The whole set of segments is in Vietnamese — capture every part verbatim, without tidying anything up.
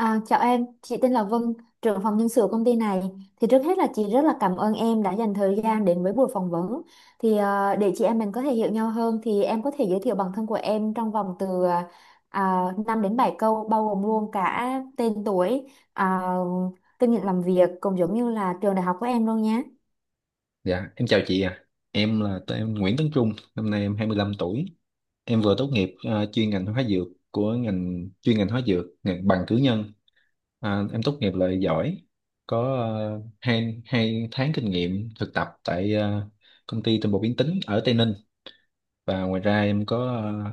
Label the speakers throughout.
Speaker 1: À, chào em, chị tên là Vân, trưởng phòng nhân sự công ty này. Thì trước hết là chị rất là cảm ơn em đã dành thời gian đến với buổi phỏng vấn. Thì ờ, để chị em mình có thể hiểu nhau hơn thì em có thể giới thiệu bản thân của em trong vòng từ uh, năm đến bảy câu bao gồm luôn cả tên tuổi, à, kinh nghiệm làm việc cũng giống như là trường đại học của em luôn nhé.
Speaker 2: Dạ, em chào chị. À Em là tên- em Nguyễn Tấn Trung, năm nay em hai mươi lăm tuổi. Em vừa tốt nghiệp à, chuyên ngành hóa dược của ngành chuyên ngành hóa dược, ngành bằng cử nhân. À, em tốt nghiệp loại giỏi, có uh, hai, hai tháng kinh nghiệm thực tập tại à, công ty tinh bột biến tính ở Tây Ninh. Và ngoài ra em có ờ,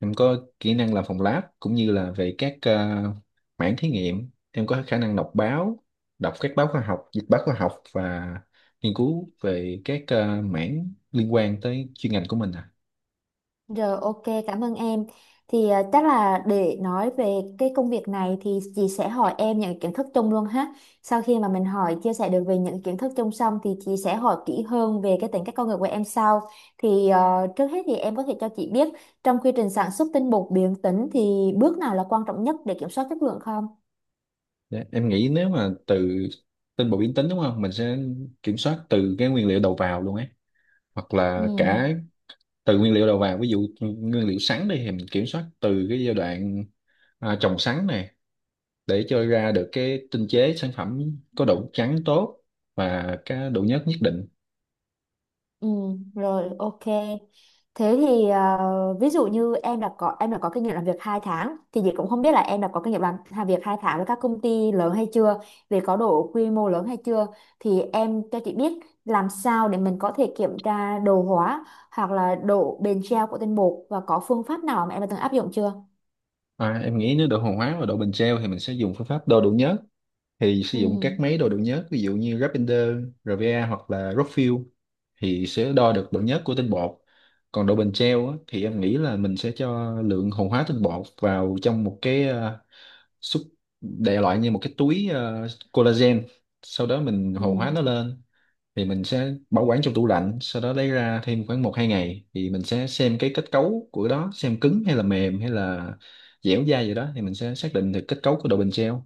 Speaker 2: em có kỹ năng làm phòng lab, cũng như là về các ờ, mảng thí nghiệm. Em có khả năng đọc báo đọc các báo khoa học, dịch báo khoa học và nghiên cứu về các ờ, mảng liên quan tới chuyên ngành của mình. à
Speaker 1: Rồi, ok, cảm ơn em. Thì à, chắc là để nói về cái công việc này thì chị sẽ hỏi em những kiến thức chung luôn ha. Sau khi mà mình hỏi chia sẻ được về những kiến thức chung xong thì chị sẽ hỏi kỹ hơn về cái tính cách con người của em sau. Thì ờ, trước hết thì em có thể cho chị biết trong quy trình sản xuất tinh bột biến tính thì bước nào là quan trọng nhất để kiểm soát chất lượng không?
Speaker 2: Dạ, em nghĩ nếu mà từ tên bộ biến tính, đúng không, mình sẽ kiểm soát từ cái nguyên liệu đầu vào luôn ấy, hoặc là
Speaker 1: Ừ.
Speaker 2: cả từ nguyên liệu đầu vào. Ví dụ nguyên liệu sắn đi thì mình kiểm soát từ cái giai đoạn à, trồng sắn này, để cho ra được cái tinh chế sản phẩm có độ trắng tốt và cái độ nhớt nhất định.
Speaker 1: Ừ, rồi ok. Thế thì à, ví dụ như em đã có em đã có kinh nghiệm làm việc hai tháng thì chị cũng không biết là em đã có kinh nghiệm làm, làm việc hai tháng với các công ty lớn hay chưa, về có độ quy mô lớn hay chưa thì em cho chị biết làm sao để mình có thể kiểm tra đồ hóa hoặc là độ bền treo của tinh bột và có phương pháp nào mà em đã từng áp dụng chưa?
Speaker 2: À, em nghĩ nếu độ hồ hóa và độ bền treo thì mình sẽ dùng phương pháp đo độ nhớt, thì sử
Speaker 1: Ừ.
Speaker 2: dụng các máy đo độ nhớt ví dụ như Rapinder, rờ vê a hoặc là Rockfield, thì sẽ đo được độ nhớt của tinh bột. Còn độ bền treo á, thì em nghĩ là mình sẽ cho lượng hồ hóa tinh bột vào trong một cái ờ, xúc, đại loại như một cái túi ờ, collagen, sau đó mình hồ
Speaker 1: Ừ.
Speaker 2: hóa nó lên, thì mình sẽ bảo quản trong tủ lạnh, sau đó lấy ra thêm khoảng một hai ngày thì mình sẽ xem cái kết cấu của đó xem cứng hay là mềm hay là dẻo dai gì đó, thì mình sẽ xác định được kết cấu của đồ bình treo.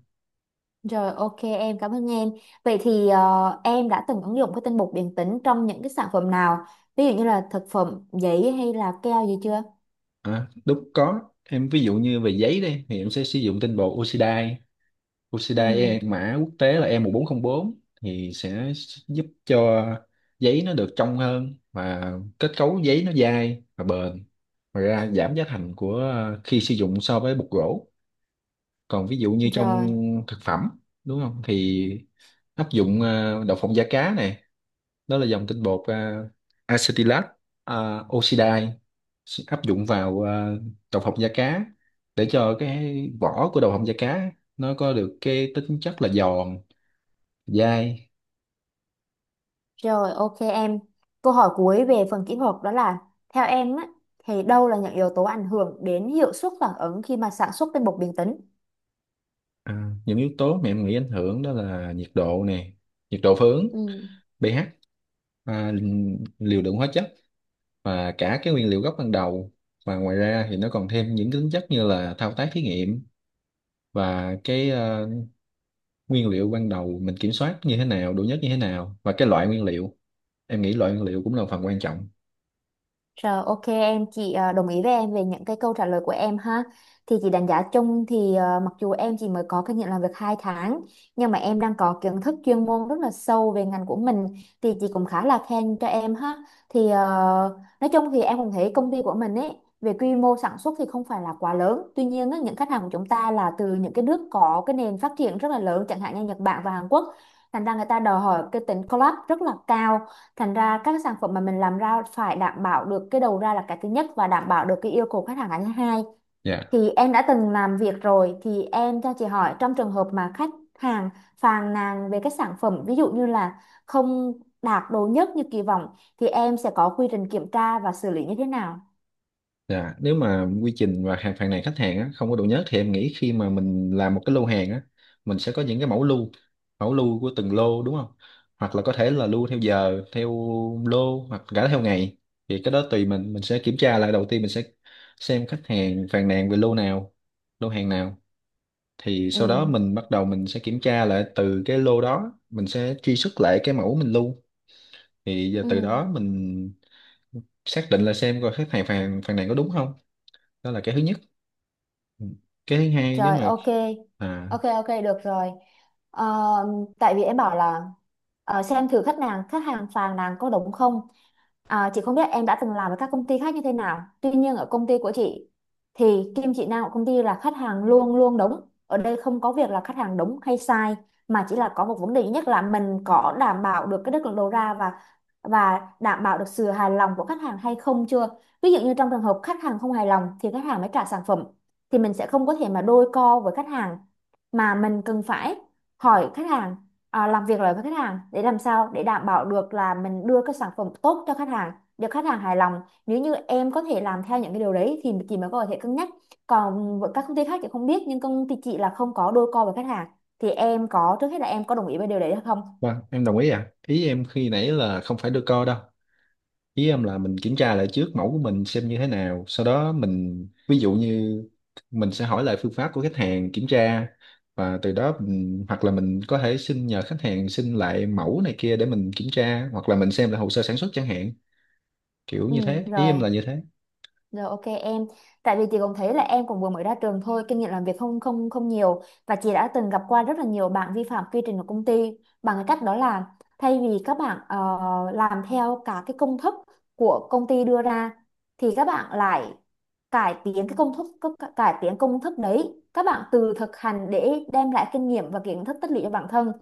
Speaker 1: Rồi ok em, cảm ơn em. Vậy thì ờ, em đã từng ứng dụng cái tinh bột điện tính trong những cái sản phẩm nào? Ví dụ như là thực phẩm, giấy hay là keo gì chưa?
Speaker 2: À, lúc có em ví dụ như về giấy đây thì em sẽ sử dụng tinh bột oxidai. Oxidai
Speaker 1: Ừ.
Speaker 2: e- mã quốc tế là e một bốn không bốn, thì sẽ giúp cho giấy nó được trong hơn và kết cấu giấy nó dai và bền. Ngoài ra giảm giá thành của ờ, khi sử dụng so với bột gỗ. Còn ví dụ như trong
Speaker 1: Rồi,
Speaker 2: thực phẩm, đúng không, thì áp dụng ờ, đậu phộng da cá này, đó là dòng tinh bột ờ, acetylat, ờ, oxidai, sẽ áp dụng vào ờ, đậu phộng da cá, để cho cái vỏ của đậu phộng da cá nó có được cái tính chất là giòn, dai.
Speaker 1: rồi ok em. Câu hỏi cuối về phần kỹ thuật đó là theo em á thì đâu là những yếu tố ảnh hưởng đến hiệu suất phản ứng khi mà sản xuất tinh bột điện tính?
Speaker 2: À, những yếu tố mà em nghĩ ảnh hưởng đó là nhiệt độ nè, nhiệt độ phướng,
Speaker 1: Ừ.
Speaker 2: pH, à, liều lượng hóa chất và cả cái nguyên liệu gốc ban đầu. Và ngoài ra thì nó còn thêm những cái tính chất như là thao tác thí nghiệm và cái ờ, nguyên liệu ban đầu mình kiểm soát như thế nào, độ nhất như thế nào và cái loại nguyên liệu. Em nghĩ loại nguyên liệu cũng là một phần quan trọng.
Speaker 1: Rồi ok em, chị ờ, đồng ý với em về những cái câu trả lời của em ha. Thì chị đánh giá chung thì ờ, mặc dù em chỉ mới có kinh nghiệm làm việc hai tháng nhưng mà em đang có kiến thức chuyên môn rất là sâu về ngành của mình thì chị cũng khá là khen cho em ha. Thì ờ, nói chung thì em cũng thấy công ty của mình ấy về quy mô sản xuất thì không phải là quá lớn. Tuy nhiên á, những khách hàng của chúng ta là từ những cái nước có cái nền phát triển rất là lớn chẳng hạn như Nhật Bản và Hàn Quốc. Thành ra người ta đòi hỏi cái tính collab rất là cao, thành ra các cái sản phẩm mà mình làm ra phải đảm bảo được cái đầu ra là cái thứ nhất và đảm bảo được cái yêu cầu khách hàng là thứ hai.
Speaker 2: Dạ.
Speaker 1: Thì em đã từng làm việc rồi thì em cho chị hỏi, trong trường hợp mà khách hàng phàn nàn về cái sản phẩm ví dụ như là không đạt đồ nhất như kỳ vọng thì em sẽ có quy trình kiểm tra và xử lý như thế nào?
Speaker 2: Dạ, nếu mà quy trình và hàng phàn nàn khách hàng á, không có độ nhớ thì em nghĩ khi mà mình làm một cái lô hàng á, mình sẽ có những cái mẫu lưu, mẫu lưu của từng lô, đúng không? Hoặc là có thể là lưu theo giờ, theo lô hoặc cả theo ngày. Thì cái đó tùy mình, mình sẽ kiểm tra lại đầu tiên, mình sẽ xem khách hàng phàn nàn về lô nào, lô hàng nào. Thì sau đó
Speaker 1: Ừ.
Speaker 2: mình bắt đầu mình sẽ kiểm tra lại từ cái lô đó, mình sẽ truy xuất lại cái mẫu mình lưu. Thì giờ
Speaker 1: Ừ.
Speaker 2: từ đó mình xác định là xem coi khách hàng phàn phàn nàn có đúng không, đó là cái thứ nhất. Ừ. Cái thứ hai nếu
Speaker 1: Rồi
Speaker 2: mà
Speaker 1: ok.
Speaker 2: à
Speaker 1: Ok, ok, được rồi. Ờ, tại vì em bảo là ờ, xem thử khách hàng khách hàng phàn nàn có đúng không. À, chị không biết em đã từng làm với các công ty khác như thế nào. Tuy nhiên ở công ty của chị thì kim chỉ nam của công ty là khách hàng luôn luôn đúng. Ở đây không có việc là khách hàng đúng hay sai mà chỉ là có một vấn đề duy nhất là mình có đảm bảo được cái chất lượng đầu ra và và đảm bảo được sự hài lòng của khách hàng hay không chưa. Ví dụ như trong trường hợp khách hàng không hài lòng thì khách hàng mới trả sản phẩm, thì mình sẽ không có thể mà đôi co với khách hàng mà mình cần phải hỏi khách hàng, à, làm việc lại với khách hàng để làm sao để đảm bảo được là mình đưa cái sản phẩm tốt cho khách hàng, được khách hàng hài lòng. Nếu như em có thể làm theo những cái điều đấy thì chị mới có thể cân nhắc, còn với các công ty khác chị không biết, nhưng công ty chị là không có đôi co với khách hàng. Thì em có, trước hết là em có đồng ý với điều đấy hay không?
Speaker 2: vâng, em đồng ý. À, ý em khi nãy là không phải đưa co đâu, ý em là mình kiểm tra lại trước mẫu của mình xem như thế nào, sau đó mình ví dụ như mình sẽ hỏi lại phương pháp của khách hàng kiểm tra, và từ đó mình, hoặc là mình có thể xin nhờ khách hàng xin lại mẫu này kia để mình kiểm tra, hoặc là mình xem lại hồ sơ sản xuất chẳng hạn, kiểu
Speaker 1: Ừ.
Speaker 2: như thế. Ý em
Speaker 1: Rồi.
Speaker 2: là như thế.
Speaker 1: Rồi ok em, tại vì chị cũng thấy là em cũng vừa mới ra trường thôi, kinh nghiệm làm việc không không không nhiều và chị đã từng gặp qua rất là nhiều bạn vi phạm quy trình của công ty bằng cái cách đó là, thay vì các bạn ờ, làm theo cả cái công thức của công ty đưa ra thì các bạn lại cải tiến cái công thức, các- cải tiến công thức đấy, các bạn tự thực hành để đem lại kinh nghiệm và kiến thức tích lũy cho bản thân.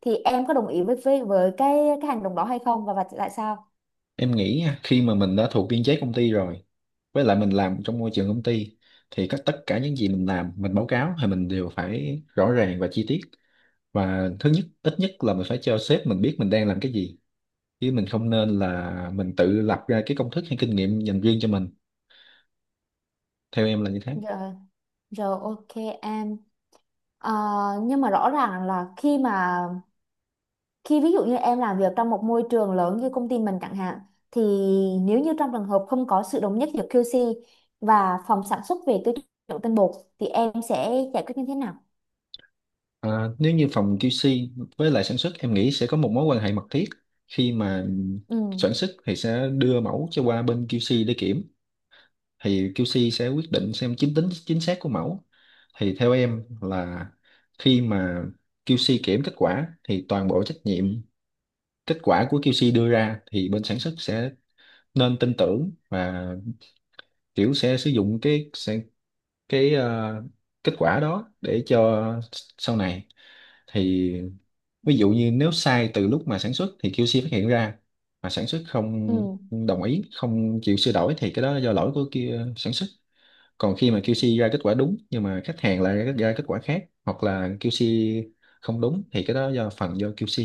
Speaker 1: Thì em có đồng ý với với, với cái cái hành động đó hay không, và, và tại sao?
Speaker 2: Em nghĩ nha, khi mà mình đã thuộc biên chế công ty rồi, với lại mình làm trong môi trường công ty, thì các tất cả những gì mình làm, mình báo cáo, thì mình đều phải rõ ràng và chi tiết. Và thứ nhất ít nhất là mình phải cho sếp mình biết mình đang làm cái gì, chứ mình không nên là mình tự lập ra cái công thức hay kinh nghiệm dành riêng cho mình. Theo em là như thế.
Speaker 1: Rồi, rồi ok em. Ờ, nhưng mà rõ ràng là khi mà khi ví dụ như em làm việc trong một môi trường lớn như công ty mình chẳng hạn, thì nếu như trong trường hợp không có sự đồng nhất giữa quy xê và phòng sản xuất về tiêu chuẩn tinh bột thì em sẽ giải quyết như thế nào?
Speaker 2: À, nếu như phòng quy xê với lại sản xuất, em nghĩ sẽ có một mối quan hệ mật thiết. Khi mà
Speaker 1: Ừ,
Speaker 2: sản xuất thì sẽ đưa mẫu cho qua bên quy xê để kiểm, thì quy xê sẽ quyết định xem chính tính chính xác của mẫu. Thì theo em là khi mà quy xê kiểm kết quả thì toàn bộ trách nhiệm kết quả của quy xê đưa ra thì bên sản xuất sẽ nên tin tưởng và kiểu sẽ sử dụng cái sẽ, cái ờ, kết quả đó để cho sau này. Thì ví dụ như nếu sai từ lúc mà sản xuất thì quy xê phát hiện ra, mà sản xuất không
Speaker 1: ừ.
Speaker 2: đồng ý, không chịu sửa đổi, thì cái đó là do lỗi của kia sản xuất. Còn khi mà quy xê ra kết quả đúng nhưng mà khách hàng lại ra kết quả khác, hoặc là quy xê không đúng, thì cái đó do phần do quy xê.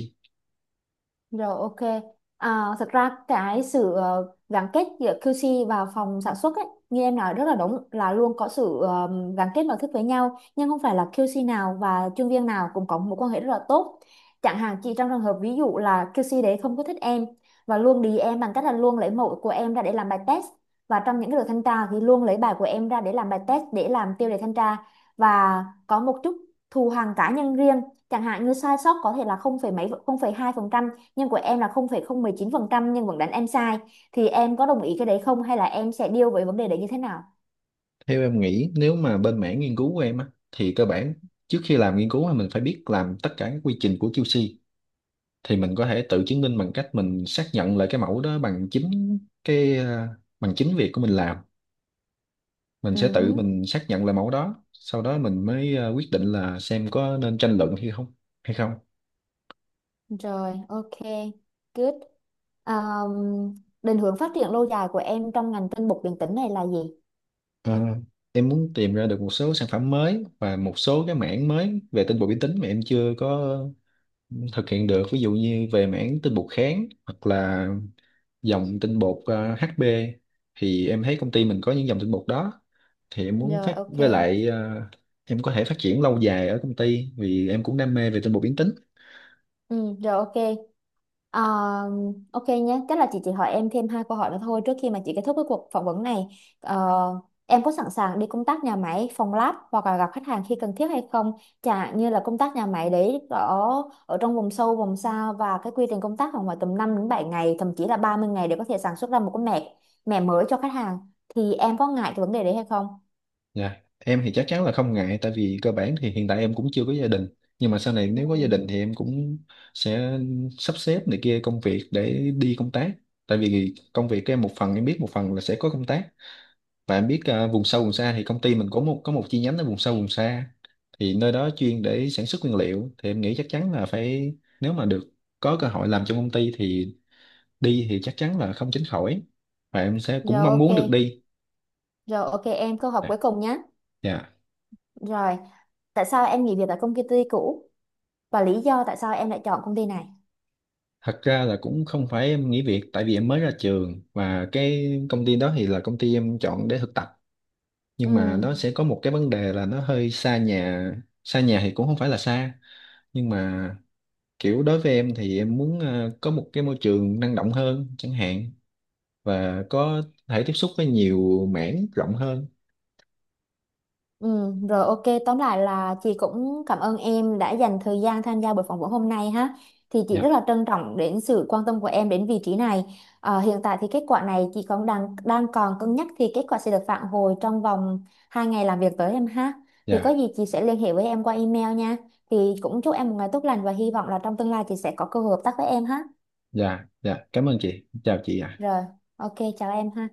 Speaker 1: Rồi ok. À, thật ra cái sự ờ, gắn kết giữa quy xê và phòng sản xuất ấy, như em nói rất là đúng, là luôn có sự ờ, gắn kết mật thiết với nhau, nhưng không phải là quy xê nào và chuyên viên nào cũng có mối quan hệ rất là tốt. Chẳng hạn chị trong trường hợp ví dụ là kiu xi đấy không có thích em và luôn đì em bằng cách là luôn lấy mẫu của em ra để làm bài test, và trong những cái đợt thanh tra thì luôn lấy bài của em ra để làm bài test, để làm tiêu đề thanh tra, và có một chút thù hằn cá nhân riêng, chẳng hạn như sai sót có thể là không phẩy mấy không phẩy hai nhưng của em là không phẩy không một chín phần trăm nhưng vẫn đánh em sai, thì em có đồng ý cái đấy không, hay là em sẽ deal với vấn đề đấy như thế nào?
Speaker 2: Theo em nghĩ nếu mà bên mảng nghiên cứu của em á thì cơ bản trước khi làm nghiên cứu á, mình phải biết làm tất cả các quy trình của quy xê, thì mình có thể tự chứng minh bằng cách mình xác nhận lại cái mẫu đó bằng chính cái ờ, bằng chính việc của mình làm. Mình
Speaker 1: Ừ
Speaker 2: sẽ tự
Speaker 1: hứ.
Speaker 2: mình xác nhận lại mẫu đó, sau đó mình mới ờ, quyết định là xem có nên tranh luận hay không hay không
Speaker 1: Rồi ok, good. um, định hướng phát triển lâu dài của em trong ngành tinh bột điện tử này là gì?
Speaker 2: Ờ, em muốn tìm ra được một số sản phẩm mới và một số cái mảng mới về tinh bột vi tính mà em chưa có thực hiện được, ví dụ như về mảng tinh bột kháng hoặc là dòng tinh bột ờ, hát bê, thì em thấy công ty mình có những dòng tinh bột đó, thì em muốn
Speaker 1: Rồi
Speaker 2: phát
Speaker 1: ok.
Speaker 2: với lại ờ, em có thể phát triển lâu dài ở công ty, vì em cũng đam mê về tinh bột biến tính.
Speaker 1: Ừ, rồi ok. Ờ, ok nhé, tức là chị chỉ hỏi em thêm hai câu hỏi nữa thôi trước khi mà chị kết thúc cái cuộc phỏng vấn này. Ờ, em có sẵn sàng đi công tác nhà máy, phòng lab hoặc là gặp khách hàng khi cần thiết hay không? Chả như là công tác nhà máy đấy ở ở trong vùng sâu, vùng xa và cái quy trình công tác khoảng ngoài tầm năm đến bảy ngày, thậm chí là ba mươi ngày để có thể sản xuất ra một cái mẻ mẻ mới cho khách hàng. Thì em có ngại cái vấn đề đấy hay không?
Speaker 2: Dạ, em thì chắc chắn là không ngại, tại vì cơ bản thì hiện tại em cũng chưa có gia đình. Nhưng mà sau này nếu có gia
Speaker 1: Ừ.
Speaker 2: đình thì em cũng sẽ sắp xếp này kia công việc để đi công tác. Tại vì công việc của em một phần em biết, một phần là sẽ có công tác. Và em biết à, vùng sâu vùng xa thì công ty mình có một có một chi nhánh ở vùng sâu vùng xa, thì nơi đó chuyên để sản xuất nguyên liệu. Thì em nghĩ chắc chắn là phải, nếu mà được có cơ hội làm trong công ty thì đi thì chắc chắn là không tránh khỏi, và em sẽ
Speaker 1: Rồi
Speaker 2: cũng mong
Speaker 1: ok,
Speaker 2: muốn được đi.
Speaker 1: rồi ok em, câu hỏi
Speaker 2: Dạ.
Speaker 1: cuối cùng nhé.
Speaker 2: Dạ.
Speaker 1: Rồi, tại sao em nghỉ việc tại công ty cũ? Và lý do tại sao em lại chọn công ty này.
Speaker 2: Thật ra là cũng không phải em nghỉ việc, tại vì em mới ra trường và cái công ty đó thì là công ty em chọn để thực tập, nhưng mà
Speaker 1: Ừ,
Speaker 2: nó sẽ có một cái vấn đề là nó hơi xa nhà. Xa nhà thì cũng không phải là xa, nhưng mà kiểu đối với em thì em muốn ờ, có một cái môi trường năng động hơn chẳng hạn, và có thể tiếp xúc với nhiều mảng rộng hơn.
Speaker 1: ừ, rồi ok, tóm lại là chị cũng cảm ơn em đã dành thời gian tham gia buổi phỏng vấn hôm nay ha. Thì chị
Speaker 2: dạ
Speaker 1: rất là trân trọng đến sự quan tâm của em đến vị trí này. Ờ, hiện tại thì kết quả này chị còn đang đang còn cân nhắc, thì kết quả sẽ được phản hồi trong vòng hai ngày làm việc tới em ha. Thì có
Speaker 2: dạ
Speaker 1: gì chị sẽ liên hệ với em qua email nha. Thì cũng chúc em một ngày tốt lành và hy vọng là trong tương lai chị sẽ có cơ hội hợp tác với em ha.
Speaker 2: dạ, dạ, cảm ơn chị, chào chị ạ.
Speaker 1: Rồi, ok, chào em ha.